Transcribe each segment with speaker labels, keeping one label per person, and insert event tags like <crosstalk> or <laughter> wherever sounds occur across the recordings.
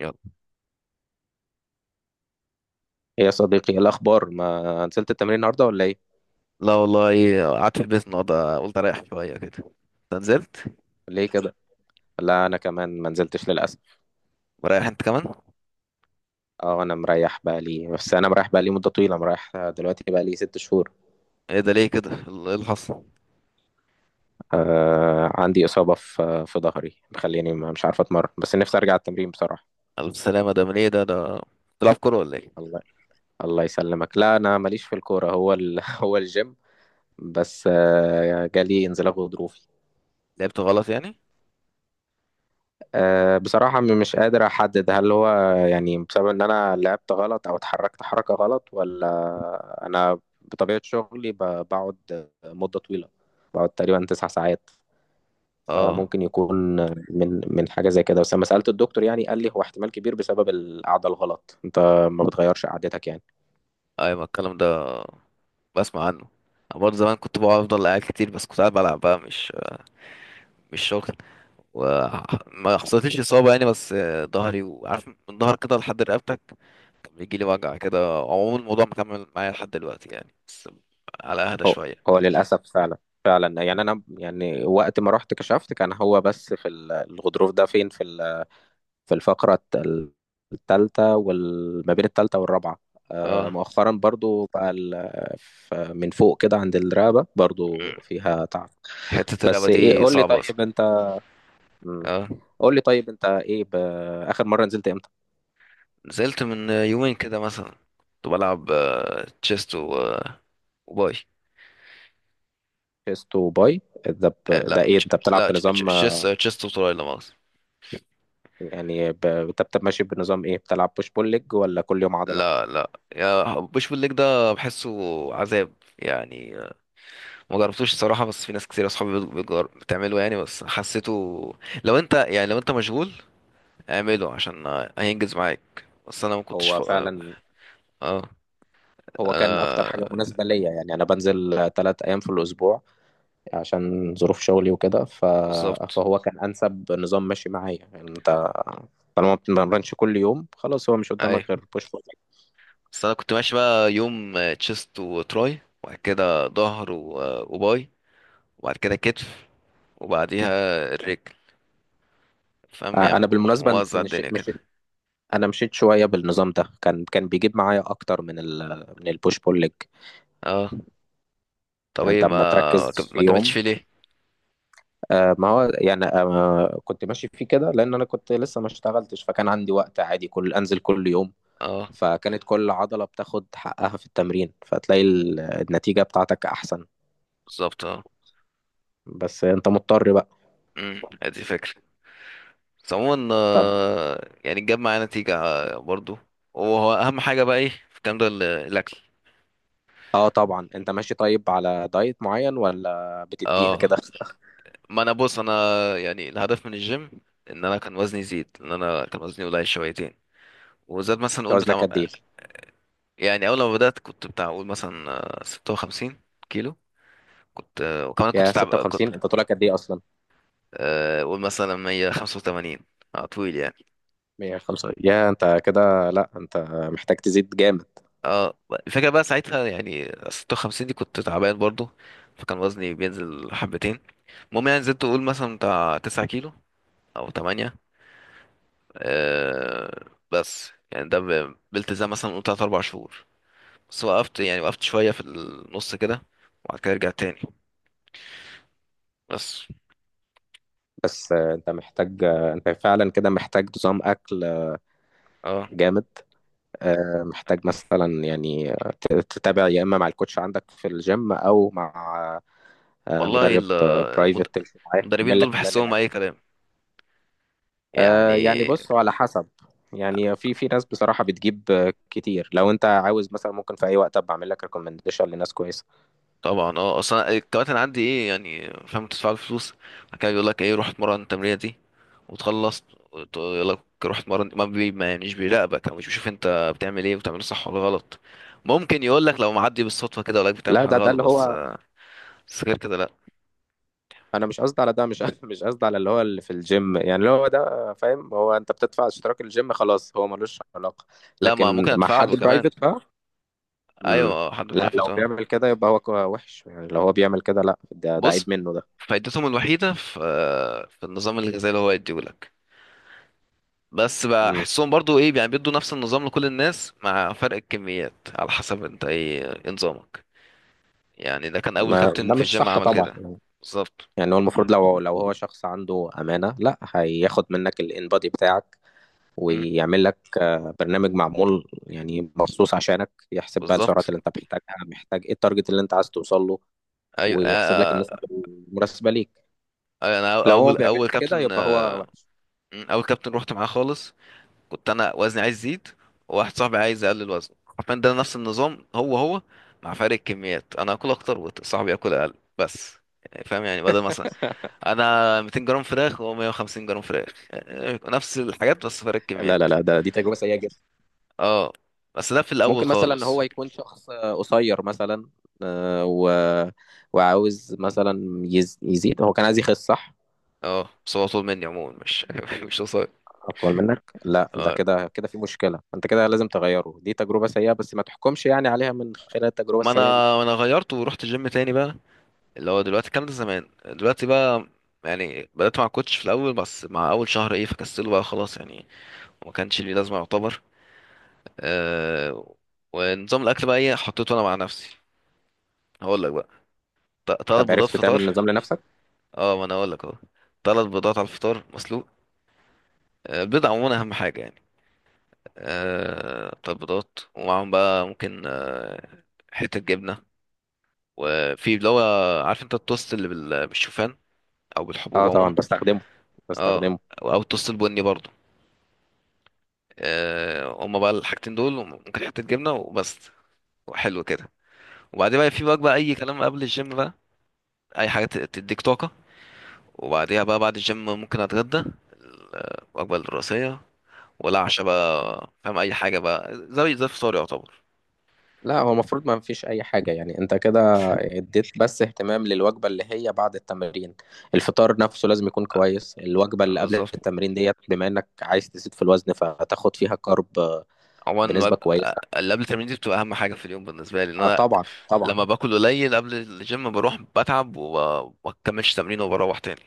Speaker 1: يلا.
Speaker 2: ايه يا صديقي، إيه الاخبار؟ ما نزلت التمرين النهارده ولا ايه؟
Speaker 1: لا والله قعدت في البيت النهارده، قلت اريح شويه كده. انت نزلت؟
Speaker 2: ليه كده؟ لا انا كمان ما نزلتش للاسف.
Speaker 1: مريح انت كمان؟
Speaker 2: اه انا مريح بقى لي، بس انا مريح بقى لي مده طويله، مريح دلوقتي بقى لي 6 شهور.
Speaker 1: ايه ده، ليه كده؟ ايه اللي حصل؟
Speaker 2: عندي اصابه في ظهري مخليني مش عارف اتمرن، بس نفسي ارجع التمرين بصراحه.
Speaker 1: الف سلامه، ده من ايه ده ده؟ بتلعب كوره ولا ايه؟
Speaker 2: الله، الله يسلمك. لا انا ماليش في الكوره، هو <laughs> هو الجيم، بس جالي انزلاق غضروفي.
Speaker 1: لعبت غلط يعني؟
Speaker 2: بصراحة، مش قادر أحدد هل هو يعني بسبب إن أنا لعبت غلط أو اتحركت حركة غلط، ولا أنا بطبيعة شغلي بقعد مدة طويلة. بقعد تقريبا 9 ساعات،
Speaker 1: اه،
Speaker 2: فممكن يكون من حاجة زي كده. بس لما سألت الدكتور يعني قال لي هو احتمال كبير بسبب القعدة الغلط. أنت ما بتغيرش قعدتك يعني؟
Speaker 1: ايوه الكلام ده بسمع عنه. أنا برضه زمان كنت بقعد، افضل قاعد كتير، بس كنت قاعد بلعب بقى، مش شغل، وما حصلتليش اصابه يعني. بس ظهري، وعارف من ظهر كده لحد رقبتك، كان بيجي لي وجع كده. عموما الموضوع مكمل معايا لحد دلوقتي يعني، بس على اهدى
Speaker 2: هو
Speaker 1: شويه.
Speaker 2: هو للأسف فعلا، فعلا. يعني أنا يعني وقت ما رحت كشفت كان هو بس في الغضروف ده فين، في في الفقرة التالتة، وما بين التالتة والرابعة.
Speaker 1: اه،
Speaker 2: مؤخرا برضو بقى من فوق كده عند الرقبة برضو فيها تعب.
Speaker 1: حتة الرقبة
Speaker 2: بس ايه،
Speaker 1: دي
Speaker 2: قول لي
Speaker 1: صعبة أصلا.
Speaker 2: طيب انت، مم.
Speaker 1: اه،
Speaker 2: قول لي طيب انت ايه اخر مرة نزلت امتى؟
Speaker 1: نزلت من يومين كده مثلا. كنت بلعب تشيست و... آه، وباي.
Speaker 2: شيست وباي، ده ده
Speaker 1: لا
Speaker 2: ايه،
Speaker 1: تش-
Speaker 2: انت بتلعب
Speaker 1: لا تش- تش-
Speaker 2: بنظام
Speaker 1: تشيست، تشيست وتراي، لا مؤاخذة.
Speaker 2: يعني انت ماشي بنظام ايه؟ بتلعب بوش بول ليج ولا كل يوم عضلة؟
Speaker 1: لا لا، يا بوش بالليج ده بحسه عذاب يعني. ما جربتوش الصراحة، بس في ناس كتير أصحابي بتعمله يعني، بس حسيته. لو أنت يعني لو أنت مشغول اعمله، عشان هينجز معاك، بس أنا ما كنتش
Speaker 2: هو
Speaker 1: اه.
Speaker 2: فعلا
Speaker 1: آه،
Speaker 2: هو كان اكتر
Speaker 1: أنا
Speaker 2: حاجة مناسبة ليا. يعني انا بنزل 3 ايام في الاسبوع عشان ظروف شغلي وكده،
Speaker 1: بالظبط.
Speaker 2: فهو كان انسب نظام ماشي معايا. يعني انت طالما ما بتتمرنش كل يوم خلاص، هو مش قدامك
Speaker 1: أي،
Speaker 2: غير بوش بول.
Speaker 1: بس انا كنت ماشي بقى يوم تشيست وتراي، وبعد كده ظهر وباي، وبعد كده كتف، وبعديها الرجل. فاهم يعني،
Speaker 2: انا بالمناسبه
Speaker 1: موزع
Speaker 2: مش...
Speaker 1: الدنيا
Speaker 2: مش...
Speaker 1: كده.
Speaker 2: انا مشيت شويه بالنظام ده، كان بيجيب معايا اكتر من من البوش بول ليج.
Speaker 1: اه، طب
Speaker 2: يعني
Speaker 1: ايه
Speaker 2: انت
Speaker 1: ما،
Speaker 2: اما تركز في
Speaker 1: ما كملتش
Speaker 2: يوم.
Speaker 1: فيه ليه؟
Speaker 2: ما هو يعني كنت ماشي فيه كده لان انا كنت لسه ما اشتغلتش، فكان عندي وقت عادي كل انزل كل يوم،
Speaker 1: اه،
Speaker 2: فكانت كل عضله بتاخد حقها في التمرين، فتلاقي النتيجه بتاعتك احسن.
Speaker 1: بالظبط اه.
Speaker 2: بس انت مضطر بقى.
Speaker 1: ادي فكرة. بس عموما
Speaker 2: طب،
Speaker 1: يعني جاب معايا نتيجة برضو. وهو اهم حاجة بقى ايه في الكلام ده؟ الاكل.
Speaker 2: اه طبعا، انت ماشي طيب على دايت معين ولا بتديها
Speaker 1: اه،
Speaker 2: كده؟
Speaker 1: ما انا بص، انا يعني الهدف من الجيم ان انا كان وزني يزيد، ان انا كان وزني قليل شويتين، وزاد مثلا
Speaker 2: <laughs>
Speaker 1: نقول
Speaker 2: وزنك
Speaker 1: بتاع.
Speaker 2: قد ايه؟
Speaker 1: يعني اول ما بدات كنت بتاع اقول مثلا 56 كيلو. كنت وكمان كنت
Speaker 2: يا
Speaker 1: تعب، كنت
Speaker 2: 56 انت طولك قد ايه اصلا؟
Speaker 1: اقول مثلا 185. اه طويل يعني.
Speaker 2: 105 يا انت! كده لا، انت محتاج تزيد جامد.
Speaker 1: اه، الفكره بقى ساعتها يعني 56 دي، كنت تعبان برضو، فكان وزني بينزل حبتين. المهم يعني زدت اقول مثلا بتاع 9 كيلو او 8، آه. بس يعني ده بالتزام مثلا قلت 3، 4 شهور بس. وقفت يعني، وقفت شويه في النص كده، وبعد كده رجعت تاني، بس.
Speaker 2: بس انت محتاج، انت فعلا كده محتاج نظام اكل
Speaker 1: اه،
Speaker 2: جامد. محتاج مثلا يعني تتابع يا اما مع الكوتش عندك في الجيم او مع
Speaker 1: والله
Speaker 2: مدرب
Speaker 1: المد...
Speaker 2: برايفت تمشي معاه
Speaker 1: المدربين
Speaker 2: يعمل
Speaker 1: دول
Speaker 2: لك بلان
Speaker 1: بحسهم
Speaker 2: للاكل.
Speaker 1: اي كلام
Speaker 2: يعني
Speaker 1: يعني.
Speaker 2: بص، هو على حسب. يعني في ناس بصراحة بتجيب كتير. لو انت عاوز مثلا ممكن في اي وقت ابقى اعمل لك ريكومنديشن لناس كويسة.
Speaker 1: طبعا اه، اصلا الكباتن عندي ايه يعني، فاهم، تدفع له فلوس، بعد كده بيقول لك ايه، روح اتمرن التمرينه دي وتخلص، يقول لك روح اتمرن، ما بي ما يعني، مش بيراقبك او مش بيشوف انت بتعمل ايه، وبتعمله صح ولا غلط. ممكن يقول لك لو معدي بالصدفه كده ولا بتعمل
Speaker 2: لا،
Speaker 1: حاجه
Speaker 2: ده
Speaker 1: غلط،
Speaker 2: اللي
Speaker 1: بس.
Speaker 2: هو،
Speaker 1: بس غير كده لا.
Speaker 2: انا مش قصدي على ده، مش <laughs> مش قصدي على اللي هو اللي في الجيم، يعني اللي هو ده، فاهم؟ هو انت بتدفع اشتراك الجيم خلاص، هو ملوش علاقة.
Speaker 1: لا، ما
Speaker 2: لكن
Speaker 1: ممكن
Speaker 2: مع
Speaker 1: ادفع له
Speaker 2: حد
Speaker 1: كمان.
Speaker 2: برايفت بقى. امم.
Speaker 1: ايوه، حد
Speaker 2: لا
Speaker 1: برايفت
Speaker 2: لو
Speaker 1: اه.
Speaker 2: بيعمل كده يبقى هو وحش، يعني لو هو بيعمل كده لا، ده
Speaker 1: بص،
Speaker 2: عيب منه ده.
Speaker 1: فائدتهم الوحيده في النظام الغذائي اللي هو يديه لك، بس
Speaker 2: امم.
Speaker 1: بحسهم برضو ايه يعني، بيدوا نفس النظام لكل الناس مع فرق الكميات على حسب انت ايه، إيه نظامك يعني. ده كان اول
Speaker 2: ما
Speaker 1: كابتن
Speaker 2: ده
Speaker 1: في
Speaker 2: مش
Speaker 1: الجيم
Speaker 2: صح
Speaker 1: عمل
Speaker 2: طبعا.
Speaker 1: كده. بالظبط.
Speaker 2: يعني هو المفروض لو هو شخص عنده أمانة، لا هياخد منك الانبادي بتاعك
Speaker 1: مم،
Speaker 2: ويعمل لك برنامج معمول يعني مخصوص عشانك، يحسب بقى السعرات
Speaker 1: بالظبط.
Speaker 2: اللي انت محتاجها، محتاج ايه، التارجت اللي انت عايز توصل له،
Speaker 1: ايوه
Speaker 2: ويحسب لك النسب المناسبة ليك.
Speaker 1: انا
Speaker 2: لو هو
Speaker 1: اول
Speaker 2: ما
Speaker 1: اول
Speaker 2: بيعملش كده
Speaker 1: كابتن
Speaker 2: يبقى هو وحش.
Speaker 1: مم، اول كابتن رحت معاه خالص كنت انا وزني عايز يزيد، وواحد صاحبي عايز يقلل وزنه، حرفيا ده نفس النظام هو هو، مع فرق الكميات، انا اكل اكتر وصاحبي ياكل اقل، بس. يعني فاهم، يعني بدل مثلا انا 200 جرام فراخ وهو 150 جرام فراخ، يعني نفس الحاجات بس فرق
Speaker 2: لا لا
Speaker 1: الكميات.
Speaker 2: لا دي تجربة سيئة جدا.
Speaker 1: اه، بس ده في الاول
Speaker 2: ممكن مثلا
Speaker 1: خالص.
Speaker 2: هو يكون شخص قصير مثلا، آه، و... وعاوز مثلا يزيد، هو كان عايز يخس صح؟
Speaker 1: اه، بس هو طول مني عموما، مش <laughs> مش قصير.
Speaker 2: اطول منك؟ لا ده
Speaker 1: اه،
Speaker 2: كده كده في مشكله، انت كده لازم تغيره. دي تجربه سيئه، بس ما تحكمش يعني عليها من خلال التجربه
Speaker 1: ما انا،
Speaker 2: السيئه دي.
Speaker 1: ما انا غيرت ورحت جيم تاني بقى، اللي هو دلوقتي الكلام ده، زمان دلوقتي بقى. يعني بدأت مع كوتش في الأول، بس مع أول شهر إيه، فكسله بقى خلاص يعني، وما كانش ليه لازمة يعتبر. أه، ونظام الأكل بقى إيه، حطيته أنا مع نفسي، هقول لك بقى. تلات
Speaker 2: طب
Speaker 1: بيضات
Speaker 2: عرفت
Speaker 1: فطار.
Speaker 2: تعمل نظام لنفسك.
Speaker 1: اه، ما أنا هقول لك أهو، تلات بيضات على الفطار مسلوق. البيض عموما اهم حاجه يعني. بتاع البيضات، ومعاهم بقى ممكن حته جبنه، وفي اللي هو، عارف انت التوست اللي بالشوفان، او بالحبوب
Speaker 2: اه
Speaker 1: عموما؟
Speaker 2: طبعا بستخدمه،
Speaker 1: اه،
Speaker 2: بستخدمه.
Speaker 1: او التوست البني برضو. هما بقى الحاجتين دول، ممكن حته جبنه وبس، وحلو كده. وبعدين بقى في بقى اي كلام قبل الجيم بقى، اي حاجه تديك طاقه. وبعديها بقى، بعد الجيم ممكن اتغدى الوجبه الرئيسيه، ولا عشاء بقى، فاهم، اي حاجه بقى زي زي الفطار يعتبر.
Speaker 2: لا هو المفروض ما فيش اي حاجه، يعني انت كده اديت بس اهتمام للوجبه اللي هي بعد التمرين. الفطار نفسه لازم يكون كويس، الوجبه اللي قبل
Speaker 1: بالظبط.
Speaker 2: التمرين ديت بما انك عايز تزيد في الوزن فتاخد فيها كارب
Speaker 1: عموما
Speaker 2: بنسبه كويسه.
Speaker 1: اللي قبل التمرين دي بتبقى اهم حاجه في اليوم بالنسبه لي، ان
Speaker 2: اه
Speaker 1: انا
Speaker 2: طبعا
Speaker 1: لما
Speaker 2: طبعا.
Speaker 1: باكل قليل قبل الجيم، بروح بتعب وما بكملش تمرين، وبروح تاني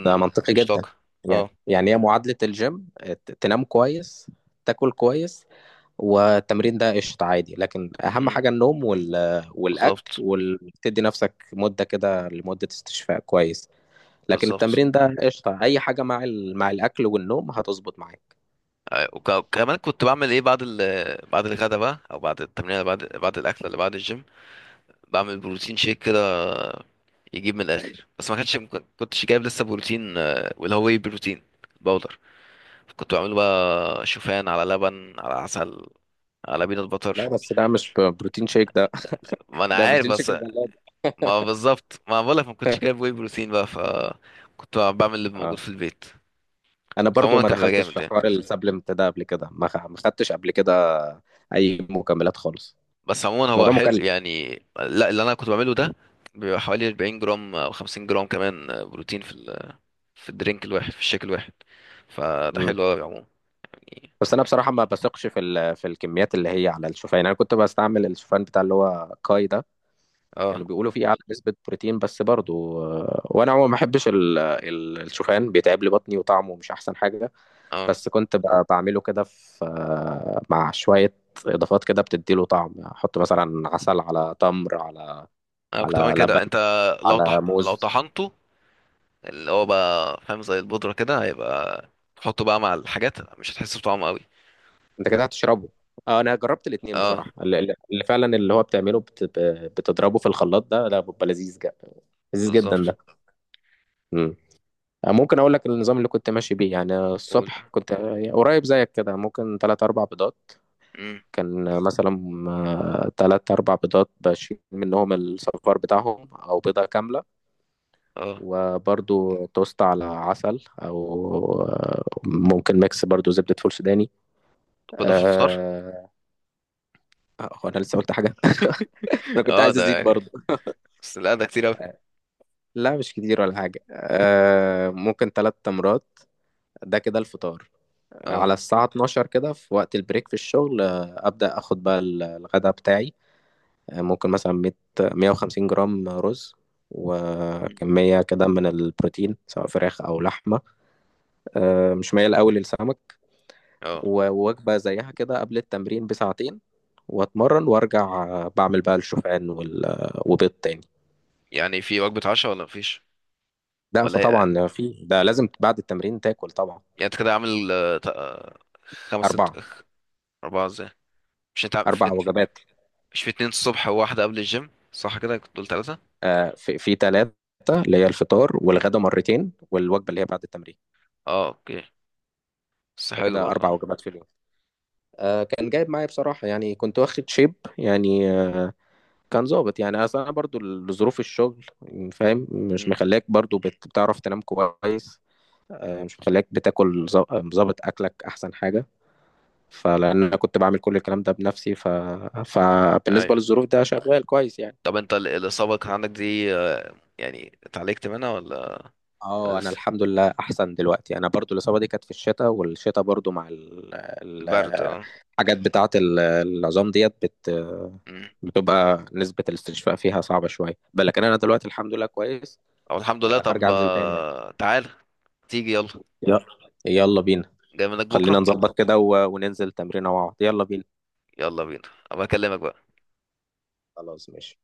Speaker 2: ده منطقي
Speaker 1: مش
Speaker 2: جدا.
Speaker 1: طاقه.
Speaker 2: يعني
Speaker 1: اه.
Speaker 2: يعني هي معادلة الجيم، تنام كويس، تاكل كويس، والتمرين ده قشطة عادي. لكن أهم
Speaker 1: امم.
Speaker 2: حاجة النوم والأكل،
Speaker 1: بالظبط.
Speaker 2: وتدي نفسك مدة كده لمدة استشفاء كويس. لكن
Speaker 1: بالظبط.
Speaker 2: التمرين ده قشطة، أي حاجة مع مع الأكل والنوم هتظبط معاك.
Speaker 1: وكمان كنت بعمل ايه بعد بعد الغدا بقى، او بعد التمرين اللي بعد، بعد الاكل اللي بعد الجيم، بعمل بروتين شيك كده، يجيب من الاخر. بس ما كانش، ما كنتش جايب لسه بروتين واللي هو واي بروتين باودر. كنت بعمله بقى شوفان على لبن على عسل على بينات
Speaker 2: لا
Speaker 1: بطر.
Speaker 2: بس ده مش بروتين شيك ده.
Speaker 1: ما
Speaker 2: <laughs>
Speaker 1: انا
Speaker 2: ده
Speaker 1: عارف،
Speaker 2: بروتين شيك
Speaker 1: بس
Speaker 2: الغلابة.
Speaker 1: ما بالظبط، ما بقولك ما كنتش
Speaker 2: <laughs>
Speaker 1: جايب واي بروتين بقى، ف كنت بعمل اللي موجود
Speaker 2: اه،
Speaker 1: في البيت.
Speaker 2: أنا
Speaker 1: بس
Speaker 2: برضو
Speaker 1: عموما
Speaker 2: ما
Speaker 1: كان بيبقى
Speaker 2: دخلتش
Speaker 1: جامد
Speaker 2: في
Speaker 1: يعني.
Speaker 2: حوار السبلمنت ده قبل كده، ما خدتش قبل كده أي مكملات خالص.
Speaker 1: بس عموما هو
Speaker 2: الموضوع
Speaker 1: حلو
Speaker 2: مكلف.
Speaker 1: يعني، لا اللي انا كنت بعمله ده بيبقى حوالي 40 جرام او 50 جرام كمان بروتين في في الدرينك الواحد، في الشيك الواحد، فده حلو قوي عموما يعني.
Speaker 2: بس انا بصراحه ما بثقش في في الكميات اللي هي على الشوفان. يعني انا كنت بستعمل الشوفان بتاع اللي هو كاي ده،
Speaker 1: اه.
Speaker 2: كانوا بيقولوا فيه اعلى نسبه بروتين. بس برضو وانا عموما ما بحبش الشوفان بيتعب لي بطني وطعمه مش احسن حاجه.
Speaker 1: اه،
Speaker 2: بس كنت بعمله كده في مع شويه اضافات كده بتديله طعم، احط مثلا عسل على تمر على
Speaker 1: انا كنت بعمل
Speaker 2: على لبن
Speaker 1: كده، انت
Speaker 2: على
Speaker 1: لو
Speaker 2: موز.
Speaker 1: طحنته، اللي هو بقى فاهم زي البودرة كده هيبقى، تحطه بقى مع الحاجات، مش هتحس بطعمه قوي.
Speaker 2: انت كده هتشربه. اه، انا جربت الاتنين
Speaker 1: اه،
Speaker 2: بصراحه، اللي فعلا اللي هو بتعمله بتضربه في الخلاط ده، بيبقى لذيذ جدا، لذيذ جدا
Speaker 1: بالظبط.
Speaker 2: ده. مم. ممكن اقول لك النظام اللي كنت ماشي بيه. يعني
Speaker 1: قول.
Speaker 2: الصبح كنت قريب زيك كده، ممكن تلات اربع بيضات.
Speaker 1: امم.
Speaker 2: كان مثلا تلات اربع بيضات بشيل منهم الصفار بتاعهم، او بيضة كاملة،
Speaker 1: اه.
Speaker 2: وبرضو توست على عسل، او ممكن ميكس برضو زبدة فول سوداني.
Speaker 1: ولا في الفطار؟
Speaker 2: أه... هو انا لسه قلت حاجة؟ <laughs>
Speaker 1: <laughs>
Speaker 2: انا كنت
Speaker 1: اه،
Speaker 2: عايز
Speaker 1: ده
Speaker 2: ازيد
Speaker 1: يعني،
Speaker 2: برضو.
Speaker 1: بس لا ده كتير اوي.
Speaker 2: لا مش كتير ولا حاجة. ممكن تلات تمرات. ده كده الفطار.
Speaker 1: اه.
Speaker 2: على الساعة 12 كده في وقت البريك في الشغل، أبدأ أخد بقى الغداء بتاعي. ممكن مثلا 100 150 جرام رز، وكمية كده من البروتين سواء فراخ أو لحمة. مش مايل أوي للسمك.
Speaker 1: اه،
Speaker 2: ووجبة زيها كده قبل التمرين بساعتين، وأتمرن وأرجع، بعمل بقى الشوفان وال... آه، وبيض تاني.
Speaker 1: يعني في وجبة عشاء ولا مفيش؟
Speaker 2: ده
Speaker 1: ولا هي
Speaker 2: فطبعا في ده لازم بعد التمرين تاكل طبعا.
Speaker 1: يعني، انت كده عامل خمس ست؟
Speaker 2: أربعة.
Speaker 1: اربعة ازاي، مش انت عامل- في
Speaker 2: أربع
Speaker 1: ات-
Speaker 2: وجبات.
Speaker 1: مش في اتنين الصبح، وواحدة قبل الجيم، صح كده كنت قلت تلاتة.
Speaker 2: في ثلاثة، اللي هي الفطار والغدا مرتين والوجبة اللي هي بعد التمرين.
Speaker 1: اه، اوكي. بس حلو
Speaker 2: فكده
Speaker 1: برضه
Speaker 2: أربع
Speaker 1: اه.
Speaker 2: وجبات في اليوم. كان جايب معايا بصراحة، يعني كنت واخد شيب يعني، كان ظابط يعني. أصل أنا برضو ظروف الشغل، فاهم، مش
Speaker 1: مم.
Speaker 2: مخليك برضو بتعرف تنام كويس، مش مخليك بتاكل، ظابط أكلك أحسن حاجة. فلأن أنا كنت بعمل كل الكلام ده بنفسي، فبالنسبة
Speaker 1: ايوه.
Speaker 2: للظروف ده شغال كويس يعني.
Speaker 1: طب انت الإصابة كان عندك دي يعني اتعالجت منها ولا
Speaker 2: اه انا
Speaker 1: لسه؟
Speaker 2: الحمد لله احسن دلوقتي. انا برضو الاصابه دي كانت في الشتاء، والشتاء برضو مع
Speaker 1: البرد اه.
Speaker 2: الحاجات بتاعه العظام ديت
Speaker 1: مم.
Speaker 2: بتبقى نسبه الاستشفاء فيها صعبه شويه، بل لكن انا دلوقتي الحمد لله كويس،
Speaker 1: او الحمد لله. طب
Speaker 2: وهرجع انزل تاني يعني.
Speaker 1: تعال تيجي يلا،
Speaker 2: يلا، يلا بينا،
Speaker 1: جاي منك
Speaker 2: خلينا
Speaker 1: بكرة.
Speaker 2: نظبط كده وننزل تمرينه مع بعض. يلا بينا.
Speaker 1: يلا بينا، ابقى اكلمك بقى.
Speaker 2: خلاص ماشي.